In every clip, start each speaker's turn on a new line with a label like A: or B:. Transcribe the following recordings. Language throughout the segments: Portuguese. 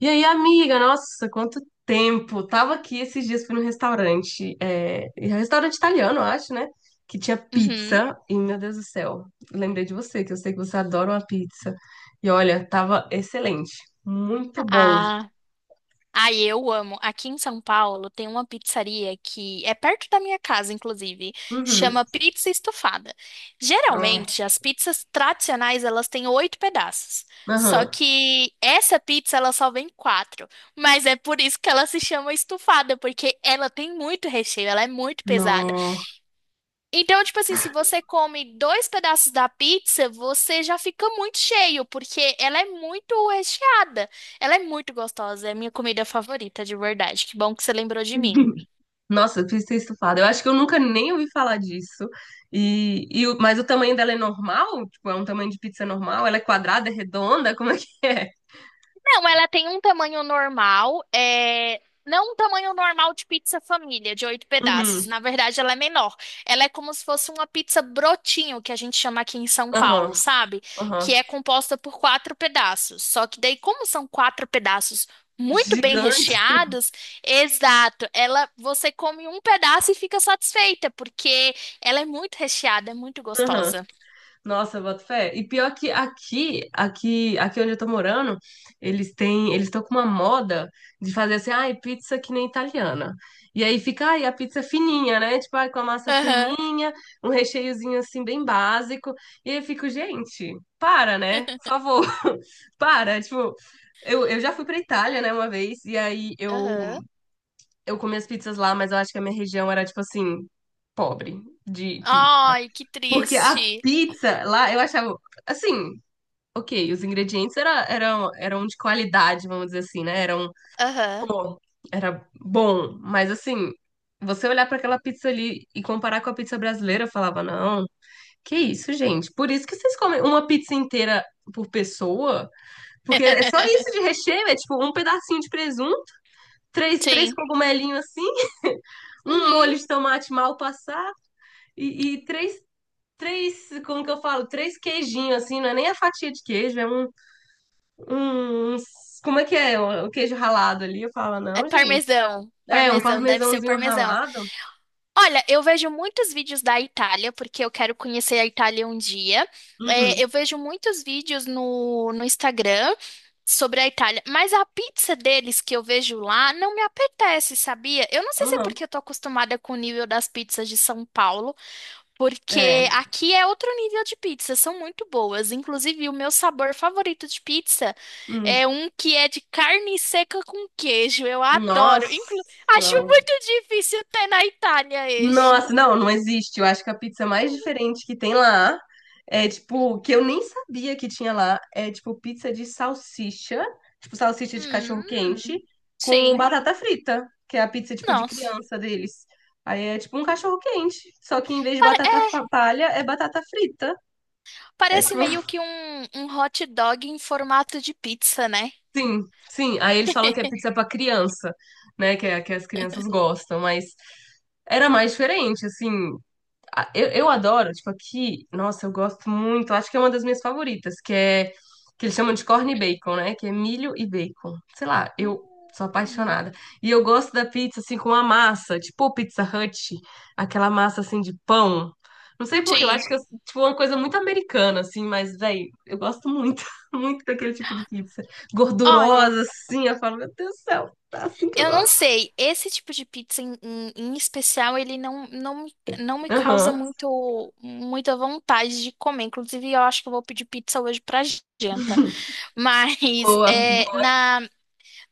A: E aí, amiga, nossa, quanto tempo! Tava aqui esses dias, fui num restaurante, é um restaurante italiano, eu acho, né? Que tinha
B: Uhum.
A: pizza, e meu Deus do céu, lembrei de você, que eu sei que você adora uma pizza. E olha, tava excelente, muito bom.
B: Ah, ai, eu amo. Aqui em São Paulo tem uma pizzaria que é perto da minha casa, inclusive.
A: Uhum.
B: Chama Pizza Estofada.
A: Ó,
B: Geralmente, as pizzas tradicionais, elas têm oito pedaços. Só
A: aham.
B: que essa pizza, ela só vem quatro. Mas é por isso que ela se chama estufada, porque ela tem muito recheio, ela é muito pesada.
A: Nó.
B: Então, tipo assim, se você come dois pedaços da pizza, você já fica muito cheio, porque ela é muito recheada. Ela é muito gostosa, é a minha comida favorita, de verdade. Que bom que você lembrou de mim.
A: Nossa, eu pizza estufada. Eu acho que eu nunca nem ouvi falar disso. Mas o tamanho dela é normal? Tipo, é um tamanho de pizza normal? Ela é quadrada, é redonda? Como é que é?
B: Não, ela tem um tamanho normal, é... não um tamanho normal de pizza família, de oito pedaços.
A: Uhum.
B: Na verdade, ela é menor. Ela é como se fosse uma pizza brotinho, que a gente chama aqui em São Paulo,
A: Aham.
B: sabe? Que
A: Aham.
B: é composta por quatro pedaços. Só que daí, como são quatro pedaços muito bem
A: Gigante.
B: recheados, exato, ela você come um pedaço e fica satisfeita, porque ela é muito recheada, é muito
A: Aham.
B: gostosa.
A: Nossa, boto fé. E pior que aqui onde eu tô morando, eles têm, eles estão com uma moda de fazer assim, ai, pizza que nem italiana. E aí fica, ai, a pizza fininha, né? Tipo, ai, com a massa
B: Aham,
A: fininha, um recheiozinho assim bem básico. E aí eu fico, gente, para, né? Por favor, para. Tipo, eu já fui pra Itália, né, uma vez, e aí
B: aham.
A: eu comi as pizzas lá, mas eu acho que a minha região era, tipo assim, pobre de pizza.
B: Ai, que
A: Porque a
B: triste.
A: pizza lá, eu achava, assim, ok, os ingredientes eram de qualidade, vamos dizer assim, né? Eram,
B: Aham.
A: pô, era bom, mas assim, você olhar para aquela pizza ali e comparar com a pizza brasileira, eu falava, não, que isso, gente? Por isso que vocês comem uma pizza inteira por pessoa? Porque é só isso de recheio, é tipo um pedacinho de presunto, três
B: Sim.
A: cogumelinhos assim, um
B: Uhum.
A: molho de tomate mal passado e como que eu falo? Três queijinhos, assim, não é nem a fatia de queijo, um, um- como é que é? O queijo ralado ali. Eu falo,
B: É
A: não, gente.
B: parmesão.
A: É, um
B: Parmesão, deve ser o
A: parmesãozinho
B: parmesão.
A: ralado.
B: Olha, eu vejo muitos vídeos da Itália, porque eu quero conhecer a Itália um dia. É,
A: Uhum,
B: eu vejo muitos vídeos no Instagram sobre a Itália, mas a pizza deles que eu vejo lá não me apetece, sabia? Eu não sei se é
A: uhum.
B: porque eu tô acostumada com o nível das pizzas de São Paulo.
A: É.
B: Porque aqui é outro nível de pizza, são muito boas. Inclusive, o meu sabor favorito de pizza
A: Hum.
B: é um que é de carne seca com queijo. Eu adoro. Inclu
A: Nossa.
B: acho muito difícil ter na Itália este.
A: Nossa, não, não existe. Eu acho que a pizza mais diferente que tem lá é tipo, que eu nem sabia que tinha lá, é tipo pizza de salsicha, tipo salsicha de
B: Hum,
A: cachorro-quente com
B: sim.
A: batata frita, que é a pizza tipo de
B: Nossa.
A: criança deles. Aí é tipo um cachorro-quente, só que em vez de
B: É,
A: palha é batata frita. É
B: parece
A: tipo,
B: meio que um hot dog em formato de pizza, né?
A: sim, sim. Aí eles falam que é pizza pra criança, né, que é, que as crianças gostam, mas era mais diferente, assim. Ah, eu adoro, tipo, aqui, nossa, eu gosto muito, acho que é uma das minhas favoritas, que é, que eles chamam de corn e bacon, né? Que é milho e bacon. Sei lá, eu sou
B: Hum.
A: apaixonada. E eu gosto da pizza, assim, com a massa, tipo Pizza Hut, aquela massa, assim, de pão. Não sei por quê, eu
B: Sim.
A: acho que é, tipo, é uma coisa muito americana, assim, mas, velho, eu gosto muito, muito daquele tipo de pizza.
B: Olha.
A: Gordurosa, assim, eu falo, meu Deus do céu, tá assim que eu
B: Eu não
A: gosto.
B: sei, esse tipo de pizza em especial, ele não, não, não me causa
A: Aham,
B: muito, muita vontade de comer. Inclusive, eu acho que eu vou pedir pizza hoje pra janta. Mas é,
A: boa.
B: na,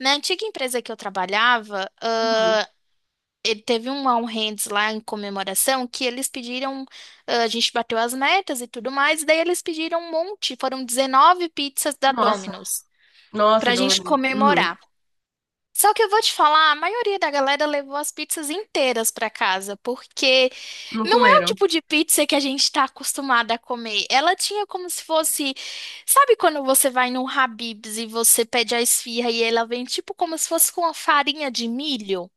B: na antiga empresa que eu trabalhava,
A: Uhum.
B: ele teve um All Hands lá em comemoração que eles pediram, ah, a gente bateu as metas e tudo mais, e daí eles pediram um monte, foram 19 pizzas da
A: Nossa,
B: Domino's
A: nossa,
B: pra
A: Dona.
B: gente comemorar. Só que eu vou te falar, a maioria da galera levou as pizzas inteiras pra casa, porque
A: Não
B: não é o
A: comeram.
B: tipo de pizza que a gente tá acostumada a comer. Ela tinha como se fosse, sabe quando você vai num Habib's e você pede a esfirra e ela vem tipo como se fosse com uma farinha de milho?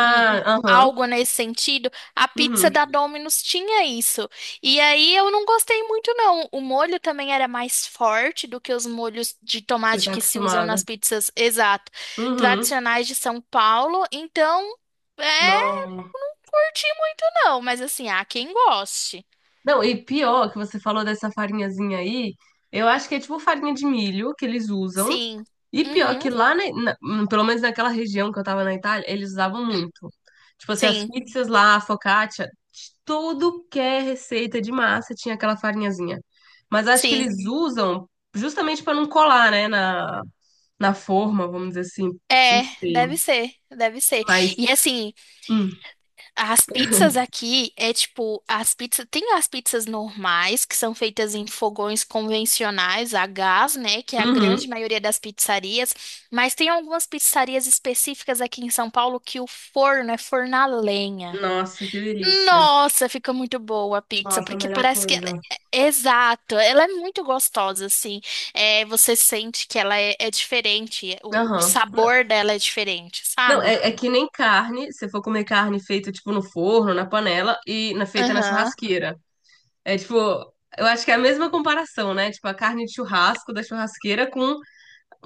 B: um-
A: aham.
B: algo nesse sentido. A pizza
A: Uhum.
B: da Domino's tinha isso. E aí eu não gostei muito, não. O molho também era mais forte do que os molhos de
A: Você
B: tomate
A: tá
B: que se usam
A: acostumada.
B: nas pizzas, exato,
A: Uhum.
B: tradicionais de São Paulo. Então, é,
A: Não.
B: não curti muito, não. Mas assim, há quem goste.
A: Não, e pior que você falou dessa farinhazinha aí, eu acho que é tipo farinha de milho que eles usam.
B: Sim.
A: E pior
B: Uhum.
A: que lá, pelo menos naquela região que eu tava na Itália, eles usavam muito. Tipo assim, as
B: Sim,
A: pizzas lá, a focaccia, tudo que é receita de massa tinha aquela farinhazinha. Mas acho que
B: sim.
A: eles usam justamente pra não colar, né, na, na forma, vamos dizer assim. Não
B: É,
A: sei.
B: deve ser, deve ser.
A: Mas.
B: E assim,
A: hum.
B: as pizzas aqui é tipo, as pizzas, tem as pizzas normais, que são feitas em fogões convencionais a gás, né, que é a
A: Uhum.
B: grande maioria das pizzarias, mas tem algumas pizzarias específicas aqui em São Paulo que o forno é forno a lenha.
A: Nossa, que delícia.
B: Nossa, fica muito boa a pizza,
A: Nossa, a
B: porque
A: melhor
B: parece que ela
A: coisa.
B: exato, ela é muito gostosa, assim. É, você sente que ela é, é diferente, o
A: Aham. N-
B: sabor dela é diferente,
A: Não,
B: sabe?
A: é que nem carne, se for comer carne feita, tipo, no forno, na panela e na, feita na
B: Aham,
A: churrasqueira. É, tipo, eu acho que é a mesma comparação, né? Tipo, a carne de churrasco da churrasqueira com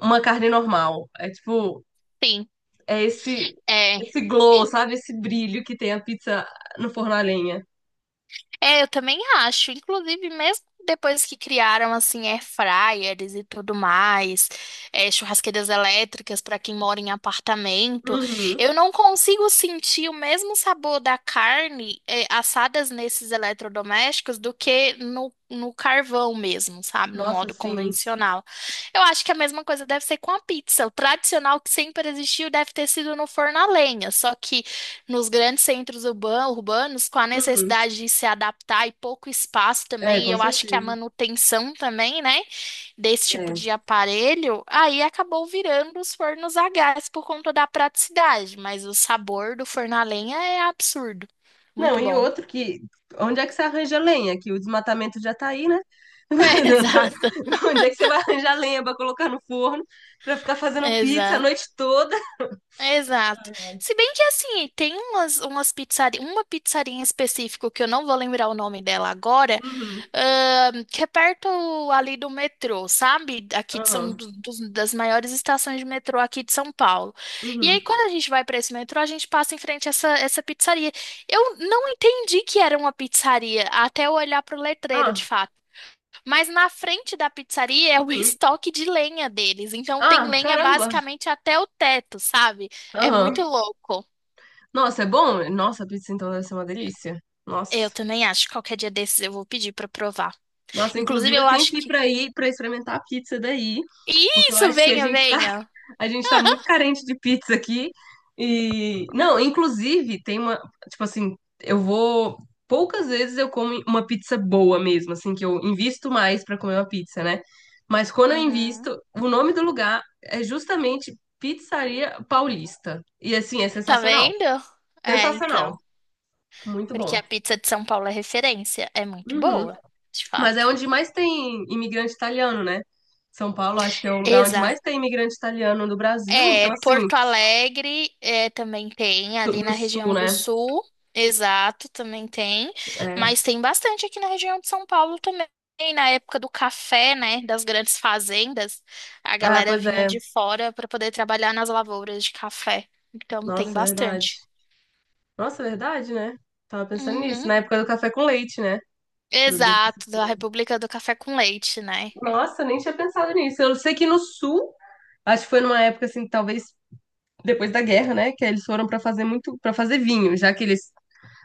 A: uma carne normal. É, tipo,
B: sim.
A: é esse,
B: É.
A: esse glow, sabe? Esse brilho que tem a pizza no forno a lenha.
B: É, eu também acho. Inclusive, mesmo depois que criaram assim air fryers e tudo mais, é, churrasqueiras elétricas para quem mora em apartamento,
A: Uhum.
B: eu não consigo sentir o mesmo sabor da carne é, assadas nesses eletrodomésticos do que no carvão mesmo, sabe? No
A: Nossa,
B: modo
A: sim.
B: convencional. Eu acho que a mesma coisa deve ser com a pizza. O tradicional que sempre existiu deve ter sido no forno a lenha, só que nos grandes centros urbanos, com a
A: Uhum.
B: necessidade de se adaptar e pouco espaço
A: É,
B: também, e
A: com
B: eu acho que a
A: certeza.
B: manutenção também, né, desse tipo
A: É.
B: de aparelho, aí acabou virando os fornos a gás por conta da praticidade, mas o sabor do forno a lenha é absurdo.
A: Não,
B: Muito
A: e
B: bom.
A: outro que. Onde é que você arranja lenha? Que o desmatamento já tá aí, né?
B: É, exato,
A: Onde é que você vai arranjar lenha pra colocar no forno, pra ficar fazendo pizza a
B: exato.
A: noite toda?
B: Exato. Se bem que assim, tem umas, uma pizzaria em específico que eu não vou lembrar o nome dela agora,
A: Uhum,
B: que é perto ali do metrô, sabe? Aqui de
A: aham,
B: das maiores estações de metrô aqui de São Paulo. E aí,
A: uhum.
B: quando a gente vai para esse metrô, a gente passa em frente a essa pizzaria. Eu não entendi que era uma pizzaria até eu olhar para o letreiro de
A: Ah,
B: fato. Mas na frente da pizzaria é o
A: uhum.
B: estoque de lenha deles. Então tem
A: Ah,
B: lenha
A: caramba!
B: basicamente até o teto, sabe? É muito
A: Aham.
B: louco.
A: Nossa, é bom? Nossa, a pizza então deve ser uma delícia.
B: Eu
A: Nossa.
B: também acho que qualquer dia desses eu vou pedir pra provar.
A: Nossa,
B: Inclusive,
A: inclusive
B: eu
A: eu tenho
B: acho
A: que ir
B: que.
A: pra aí pra experimentar a pizza daí, porque eu
B: Isso,
A: acho que
B: venha, venha.
A: a gente tá muito carente de pizza aqui. E não, inclusive tem uma, tipo assim, eu vou poucas vezes eu como uma pizza boa mesmo, assim que eu invisto mais pra comer uma pizza, né? Mas quando eu
B: Uhum.
A: invisto, o nome do lugar é justamente Pizzaria Paulista. E assim, é
B: Tá
A: sensacional.
B: vendo? É,
A: Sensacional.
B: então.
A: Muito
B: Porque
A: bom.
B: a pizza de São Paulo é referência. É muito
A: Uhum.
B: boa, de
A: Mas é
B: fato.
A: onde mais tem imigrante italiano, né? São Paulo, acho que é o lugar onde mais
B: Exa.
A: tem imigrante italiano no Brasil,
B: É,
A: então assim,
B: Porto Alegre é, também tem, ali
A: no
B: na
A: sul,
B: região do
A: né?
B: Sul, exato, também tem,
A: É.
B: mas tem bastante aqui na região de São Paulo também, na época do café, né, das grandes fazendas, a
A: Ah,
B: galera
A: pois
B: vinha
A: é.
B: de fora para poder trabalhar nas lavouras de café, então tem
A: Nossa, verdade.
B: bastante.
A: Nossa, verdade, né? Tava pensando nisso,
B: Uhum.
A: na época do café com leite, né? Do-
B: Exato, da República do Café com Leite, né?
A: Nossa, nem tinha pensado nisso. Eu sei que no sul, acho que foi numa época assim, talvez depois da guerra, né, que eles foram pra fazer muito, para fazer vinho, já que eles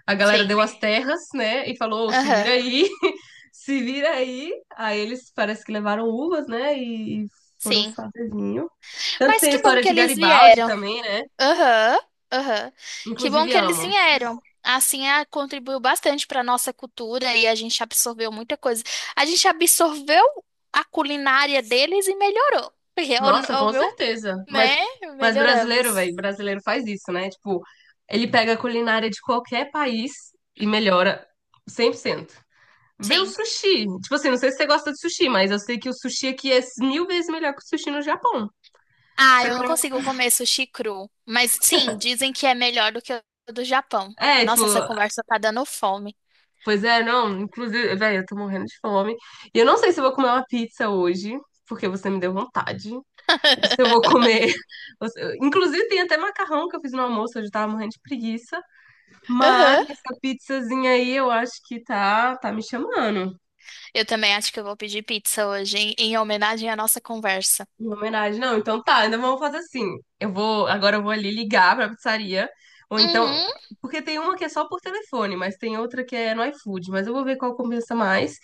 A: a galera
B: Sim,
A: deu as terras, né, e falou, "Ô, se
B: aham,
A: vira aí, se vira aí." Aí eles parece que levaram uvas, né, e foram
B: sim.
A: fazer vinho. Tanto que
B: Mas
A: tem a
B: que bom
A: história
B: que
A: de
B: eles
A: Garibaldi
B: vieram.
A: também, né?
B: Aham, aham. Que bom
A: Inclusive
B: que eles
A: amo.
B: vieram. Assim, ah, contribuiu bastante para nossa cultura e a gente absorveu muita coisa. A gente absorveu a culinária deles e melhorou. Porque é o,
A: Nossa,
B: é o
A: com
B: meu,
A: certeza.
B: né?
A: Mas brasileiro,
B: Melhoramos.
A: velho, brasileiro faz isso, né? Tipo, ele pega a culinária de qualquer país e melhora 100%. Vê o
B: Sim.
A: sushi. Tipo assim, não sei se você gosta de sushi, mas eu sei que o sushi aqui é 1.000 vezes melhor que o sushi no Japão.
B: Ah,
A: Você
B: eu não
A: coloca...
B: consigo comer sushi cru. Mas sim, dizem que é melhor do que o do Japão.
A: É, tipo,
B: Nossa, essa conversa tá dando fome.
A: pois é, não, inclusive, velho, eu tô morrendo de fome. E eu não sei se eu vou comer uma pizza hoje, porque você me deu vontade. Ou se eu vou comer. ou se- Inclusive, tem até macarrão que eu fiz no almoço, eu já tava morrendo de preguiça. Mas
B: Aham.
A: essa pizzazinha aí eu acho que tá, tá me chamando.
B: Eu também acho que eu vou pedir pizza hoje, em homenagem à nossa conversa.
A: Em homenagem, não. Então tá, ainda vamos fazer assim. Eu vou, agora eu vou ali ligar pra pizzaria. Ou então,
B: Uhum.
A: porque tem uma que é só por telefone, mas tem outra que é no iFood. Mas eu vou ver qual compensa mais.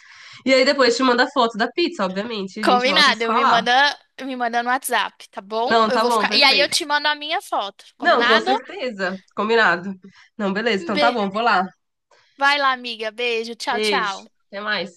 A: E aí depois te manda a foto da pizza, obviamente. E A gente volta a
B: Combinado,
A: se
B: eu
A: falar.
B: me manda no WhatsApp, tá bom?
A: Não,
B: Eu
A: tá
B: vou
A: bom,
B: ficar. E aí eu
A: perfeito.
B: te mando a minha foto,
A: Não, com
B: combinado?
A: certeza. Combinado. Não, beleza. Então tá
B: Be...
A: bom, vou lá.
B: Vai lá, amiga. Beijo, tchau,
A: Beijo.
B: tchau.
A: Até mais.